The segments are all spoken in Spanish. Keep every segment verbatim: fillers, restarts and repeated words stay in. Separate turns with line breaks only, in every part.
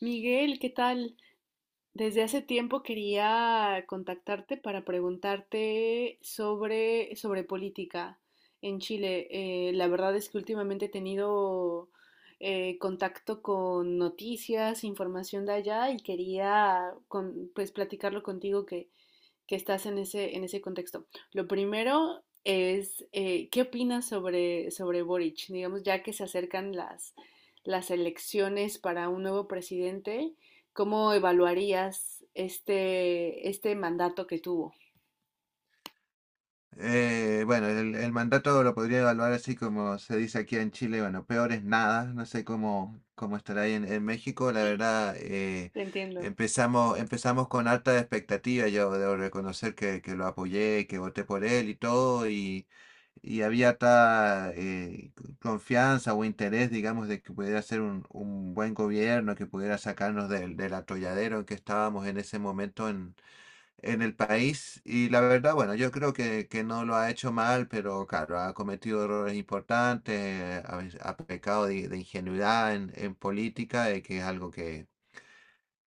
Miguel, ¿qué tal? Desde hace tiempo quería contactarte para preguntarte sobre, sobre política en Chile. Eh, la verdad es que últimamente he tenido eh, contacto con noticias, información de allá y quería con- pues platicarlo contigo que, que estás en ese, en ese contexto. Lo primero es, eh, ¿qué opinas sobre, sobre Boric? Digamos, ya que se acercan las, las elecciones para un nuevo presidente, ¿cómo evaluarías este, este mandato que tuvo?
Eh, bueno, el, el mandato lo podría evaluar así como se dice aquí en Chile, bueno, peor es nada, no sé cómo, cómo estará ahí en, en México, la verdad. eh,
Te entiendo.
empezamos, empezamos con alta expectativa, yo debo reconocer que, que lo apoyé, que voté por él y todo, y, y había tal confianza o interés, digamos, de que pudiera ser un, un buen gobierno, que pudiera sacarnos del, del atolladero en que estábamos en ese momento en el país. Y la verdad, bueno, yo creo que, que no lo ha hecho mal, pero claro, ha cometido errores importantes, ha, ha pecado de, de ingenuidad en, en política, eh, que es algo que,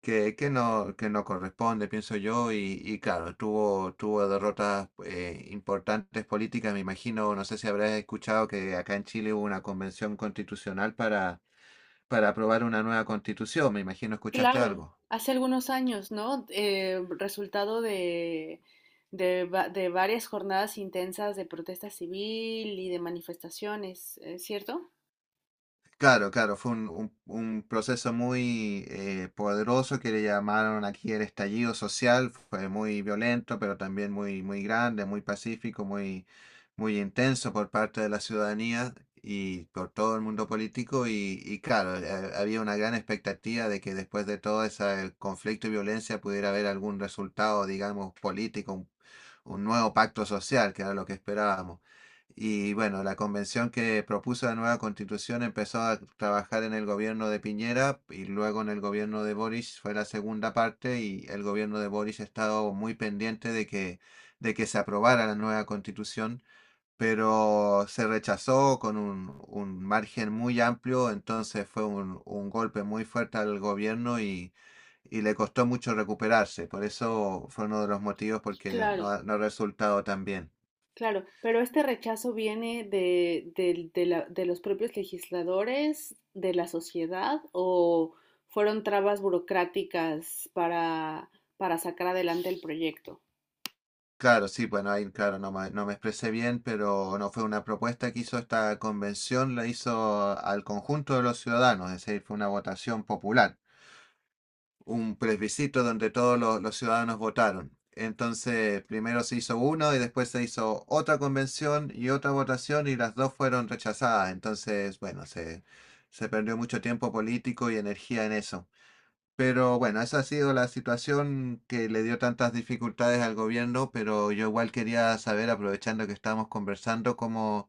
que, que no, que no corresponde, pienso yo, y, y claro, tuvo, tuvo derrotas eh, importantes políticas, me imagino. No sé si habrás escuchado que acá en Chile hubo una convención constitucional para, para aprobar una nueva constitución, me imagino, ¿escuchaste
Claro,
algo?
hace algunos años, ¿no? Eh, resultado de, de, va- de varias jornadas intensas de protesta civil y de manifestaciones, ¿eh? ¿Cierto?
Claro, claro, fue un, un- un proceso muy eh, poderoso que le llamaron aquí el estallido social, fue muy violento, pero también muy, muy grande, muy pacífico, muy, muy intenso por parte de la ciudadanía y por todo el mundo político y, y claro, eh, había una gran expectativa de que después de todo ese conflicto y violencia pudiera haber algún resultado, digamos, político, un un nuevo pacto social, que era lo que esperábamos. Y bueno, la convención que propuso la nueva constitución empezó a trabajar en el gobierno de Piñera y luego en el gobierno de Boric fue la segunda parte, y el gobierno de Boric ha estado muy pendiente de que, de que se aprobara la nueva constitución, pero se rechazó con un, un margen muy amplio. Entonces fue un, un golpe muy fuerte al gobierno, y, y le costó mucho recuperarse. Por eso fue uno de los motivos porque
Claro.
no ha, no ha resultado tan bien.
Claro, pero este rechazo viene de, del- de la- de los propios legisladores, de la sociedad, o fueron trabas burocráticas para, para sacar adelante el proyecto.
Claro, sí, bueno, ahí, claro, no me, no me expresé bien, pero no fue una propuesta que hizo esta convención, la hizo al conjunto de los ciudadanos, es decir, fue una votación popular, un plebiscito donde todos los, los ciudadanos votaron. Entonces, primero se hizo uno y después se hizo otra convención y otra votación, y las dos fueron rechazadas. Entonces, bueno, se, se perdió mucho tiempo político y energía en eso. Pero bueno, esa ha sido la situación que le dio tantas dificultades al gobierno, pero yo igual quería saber, aprovechando que estábamos conversando, cómo,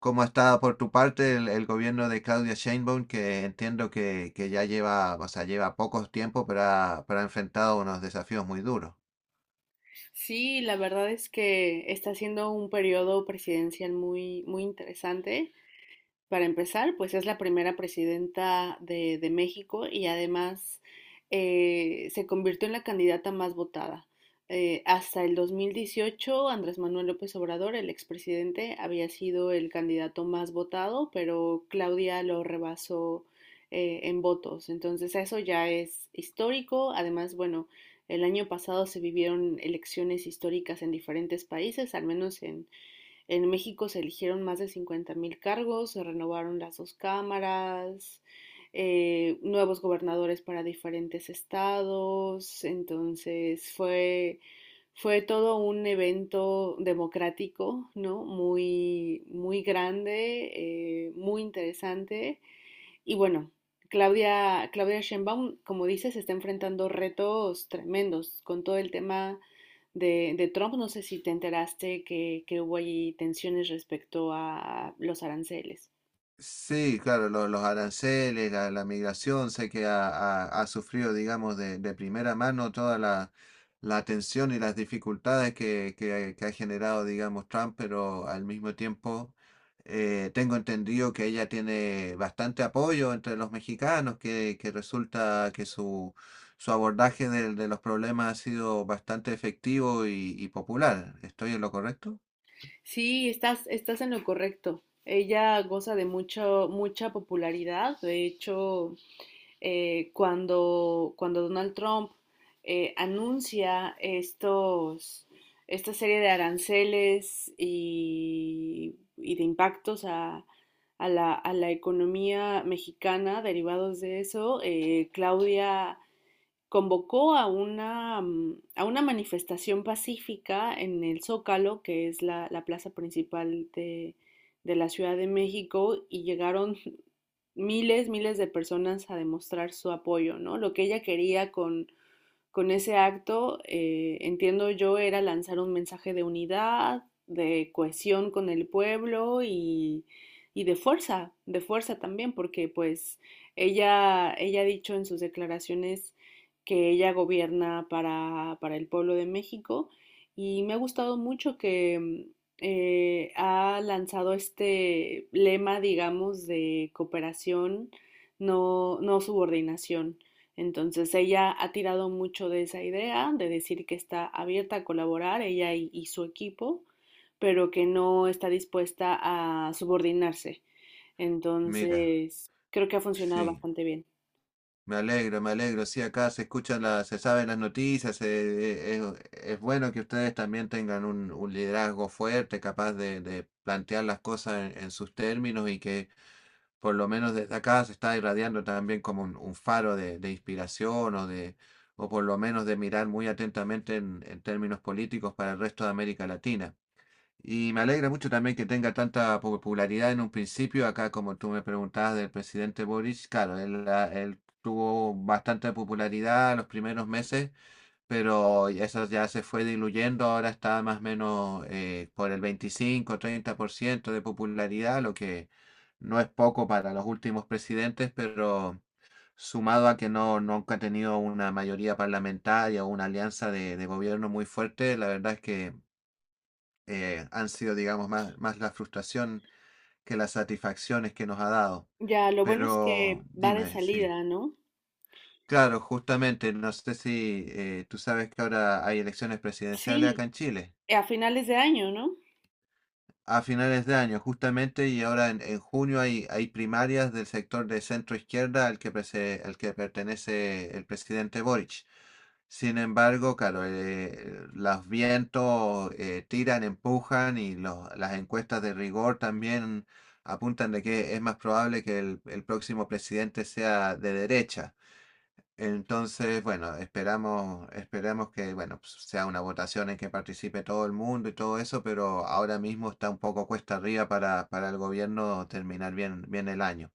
cómo está por tu parte el, el gobierno de Claudia Sheinbaum, que entiendo que, que ya lleva, o sea, lleva pocos tiempo, pero ha, pero ha enfrentado unos desafíos muy duros.
Sí, la verdad es que está siendo un periodo presidencial muy, muy interesante. Para empezar, pues es la primera presidenta de, de México y además eh, se convirtió en la candidata más votada. Eh, hasta el dos mil dieciocho Andrés Manuel López Obrador, el expresidente, había sido el candidato más votado, pero Claudia lo rebasó eh, en votos. Entonces eso ya es histórico. Además, bueno, el año pasado se vivieron elecciones históricas en diferentes países, al menos en, en México se eligieron más de cincuenta mil cargos, se renovaron las dos cámaras, eh, nuevos gobernadores para diferentes estados, entonces fue, fue todo un evento democrático, ¿no? Muy, muy grande, eh, muy interesante y bueno, Claudia, Claudia Sheinbaum, como dices, está enfrentando retos tremendos con todo el tema de, de Trump. No sé si te enteraste que, que hubo allí tensiones respecto a los aranceles.
Sí, claro, lo- los aranceles, la, la migración, sé que ha, ha- ha sufrido, digamos, de, de primera mano toda la, la tensión y las dificultades que, que- que ha generado, digamos, Trump, pero al mismo tiempo eh, tengo entendido que ella tiene bastante apoyo entre los mexicanos, que, que resulta que su, su abordaje de, de los problemas ha sido bastante efectivo y, y popular. ¿Estoy en lo correcto?
Sí, estás, estás en lo correcto. Ella goza de mucho, mucha popularidad. De hecho, eh, cuando, cuando Donald Trump eh, anuncia estos, esta serie de aranceles y, y de impactos a, a, la, a la economía mexicana derivados de eso, eh, Claudia convocó a una, mm, a una manifestación pacífica en el Zócalo, que es la, la plaza principal de, de la Ciudad de México, y llegaron miles, miles de personas a demostrar su apoyo, ¿no? Lo que ella quería con con ese acto, eh, entiendo yo, era lanzar un mensaje de unidad, de cohesión con el pueblo y, y de fuerza, de fuerza también, porque pues ella, ella ha dicho en sus declaraciones que ella gobierna para, para el pueblo de México y me ha gustado mucho que eh, ha lanzado este lema, digamos, de cooperación, no, no subordinación. Entonces ella ha tirado mucho de esa idea, de decir que está abierta a colaborar, ella y, y su equipo, pero que no está dispuesta a subordinarse.
Mira,
Entonces, creo que ha funcionado
sí.
bastante bien.
Me alegro, me alegro. Sí, acá se escuchan las, se saben las noticias. Eh, eh, es, es bueno que ustedes también tengan un, un liderazgo fuerte, capaz de, de plantear las cosas en, en sus términos, y que por lo menos desde acá se está irradiando también como un, un faro de, de inspiración, o de, o por lo menos de mirar muy atentamente en en términos políticos para el resto de América Latina. Y me alegra mucho también que tenga tanta popularidad en un principio. Acá, como tú me preguntabas del presidente Boris, claro, él, ah, él tuvo bastante popularidad los primeros meses, pero eso ya se fue diluyendo. Ahora está más o menos eh, por el veinticinco, treinta por ciento de popularidad, lo que no es poco para los últimos presidentes, pero sumado a que no, nunca ha tenido una mayoría parlamentaria o una alianza de, de gobierno muy fuerte, la verdad es que eh, han sido, digamos, más, más la frustración que las satisfacciones que nos ha dado.
Ya, lo bueno es que
Pero
va de
dime, sí.
salida, ¿no?
Claro, justamente, no sé si eh, tú sabes que ahora hay elecciones presidenciales acá
Sí,
en Chile.
a finales de año, ¿no?
A finales de año, justamente, y ahora en, en junio hay, hay primarias del sector de centro izquierda al que, prese- al que pertenece el presidente Boric. Sin embargo, claro, eh, los vientos eh, tiran, empujan, y los- las encuestas de rigor también apuntan de que es más probable que el, el próximo presidente sea de derecha. Entonces, bueno, esperamos, esperamos que, bueno, pues, sea una votación en que participe todo el mundo y todo eso, pero ahora mismo está un poco cuesta arriba para, para el gobierno terminar bien, bien el año.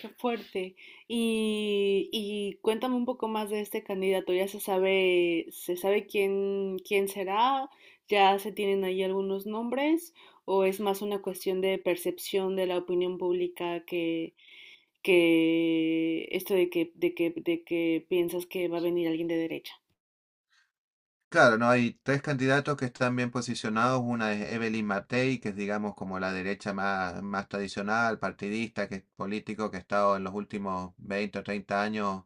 Qué fuerte. Y, y cuéntame un poco más de este candidato. ¿Ya se sabe, se sabe quién, quién será? ¿Ya se tienen ahí algunos nombres? ¿O es más una cuestión de percepción de la opinión pública que, que esto de que, de que, de que piensas que va a venir alguien de derecha?
Claro, no hay tres candidatos que están bien posicionados. Una es Evelyn Matei, que es digamos como la derecha más, más tradicional, partidista, que es político, que ha estado en los últimos veinte o treinta años.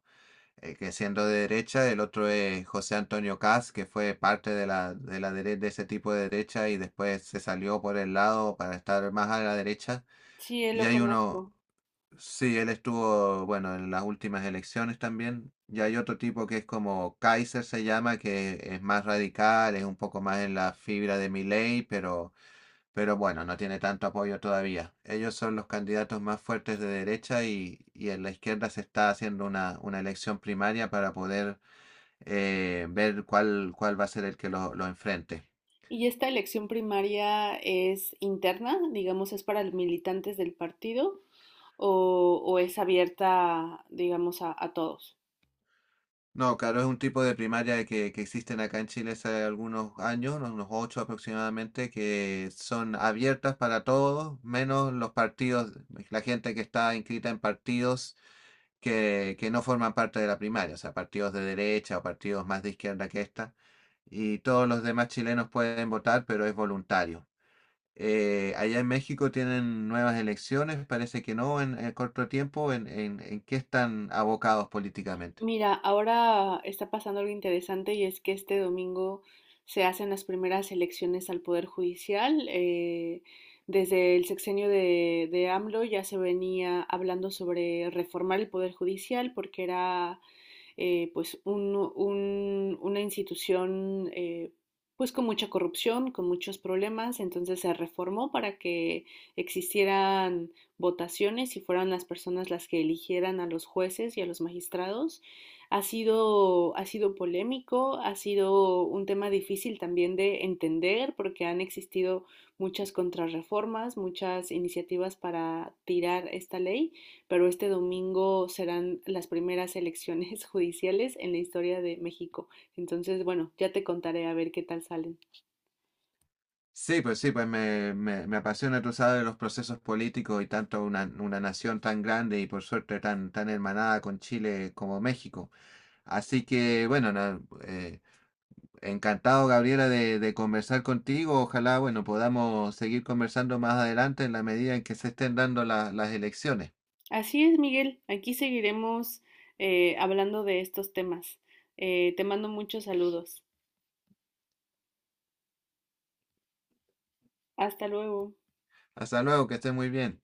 eh, Que siendo de derecha, el otro es José Antonio Caz, que fue parte de la, de la dere- de ese tipo de derecha y después se salió por el lado para estar más a la derecha.
Sí, él
Y
lo
hay uno,
conozco.
sí, él estuvo, bueno, en las últimas elecciones también. Y hay otro tipo que es como Kaiser se llama, que es más radical, es un poco más en la fibra de Milei, pero pero bueno, no tiene tanto apoyo todavía. Ellos son los candidatos más fuertes de derecha, y, y en la izquierda se está haciendo una, una elección primaria para poder eh, ver cuál, cuál va a ser el que lo, lo enfrente.
Y esta elección primaria es interna, digamos, es para los militantes del partido o, o es abierta, digamos, a, a todos.
No, claro, es un tipo de primaria que, que existen acá en Chile hace algunos años, unos ocho aproximadamente, que son abiertas para todos, menos los partidos, la gente que está inscrita en partidos que, que no forman parte de la primaria, o sea, partidos de derecha o partidos más de izquierda que esta, y todos los demás chilenos pueden votar, pero es voluntario. Eh, allá en México tienen nuevas elecciones, parece que no en, en corto tiempo. ¿En, en, en qué están abocados políticamente?
Mira, ahora está pasando algo interesante y es que este domingo se hacen las primeras elecciones al Poder Judicial. Eh, desde el sexenio de, de AMLO ya se venía hablando sobre reformar el Poder Judicial porque era eh, pues un, un, una institución eh, pues con mucha corrupción, con muchos problemas, entonces se reformó para que existieran votaciones y fueran las personas las que eligieran a los jueces y a los magistrados. Ha sido, ha sido polémico, ha sido un tema difícil también de entender porque han existido muchas contrarreformas, muchas iniciativas para tirar esta ley, pero este domingo serán las primeras elecciones judiciales en la historia de México. Entonces, bueno, ya te contaré a ver qué tal salen.
Sí, pues sí, pues me, me, me apasiona, tú sabes, los procesos políticos, y tanto una, una nación tan grande y por suerte tan, tan hermanada con Chile como México. Así que, bueno, na- eh, encantado, Gabriela, de, de conversar contigo. Ojalá, bueno, podamos seguir conversando más adelante en la medida en que se estén dando la- las elecciones.
Así es, Miguel, aquí seguiremos eh, hablando de estos temas. Eh, te mando muchos saludos. Hasta luego.
Hasta luego, que estés muy bien.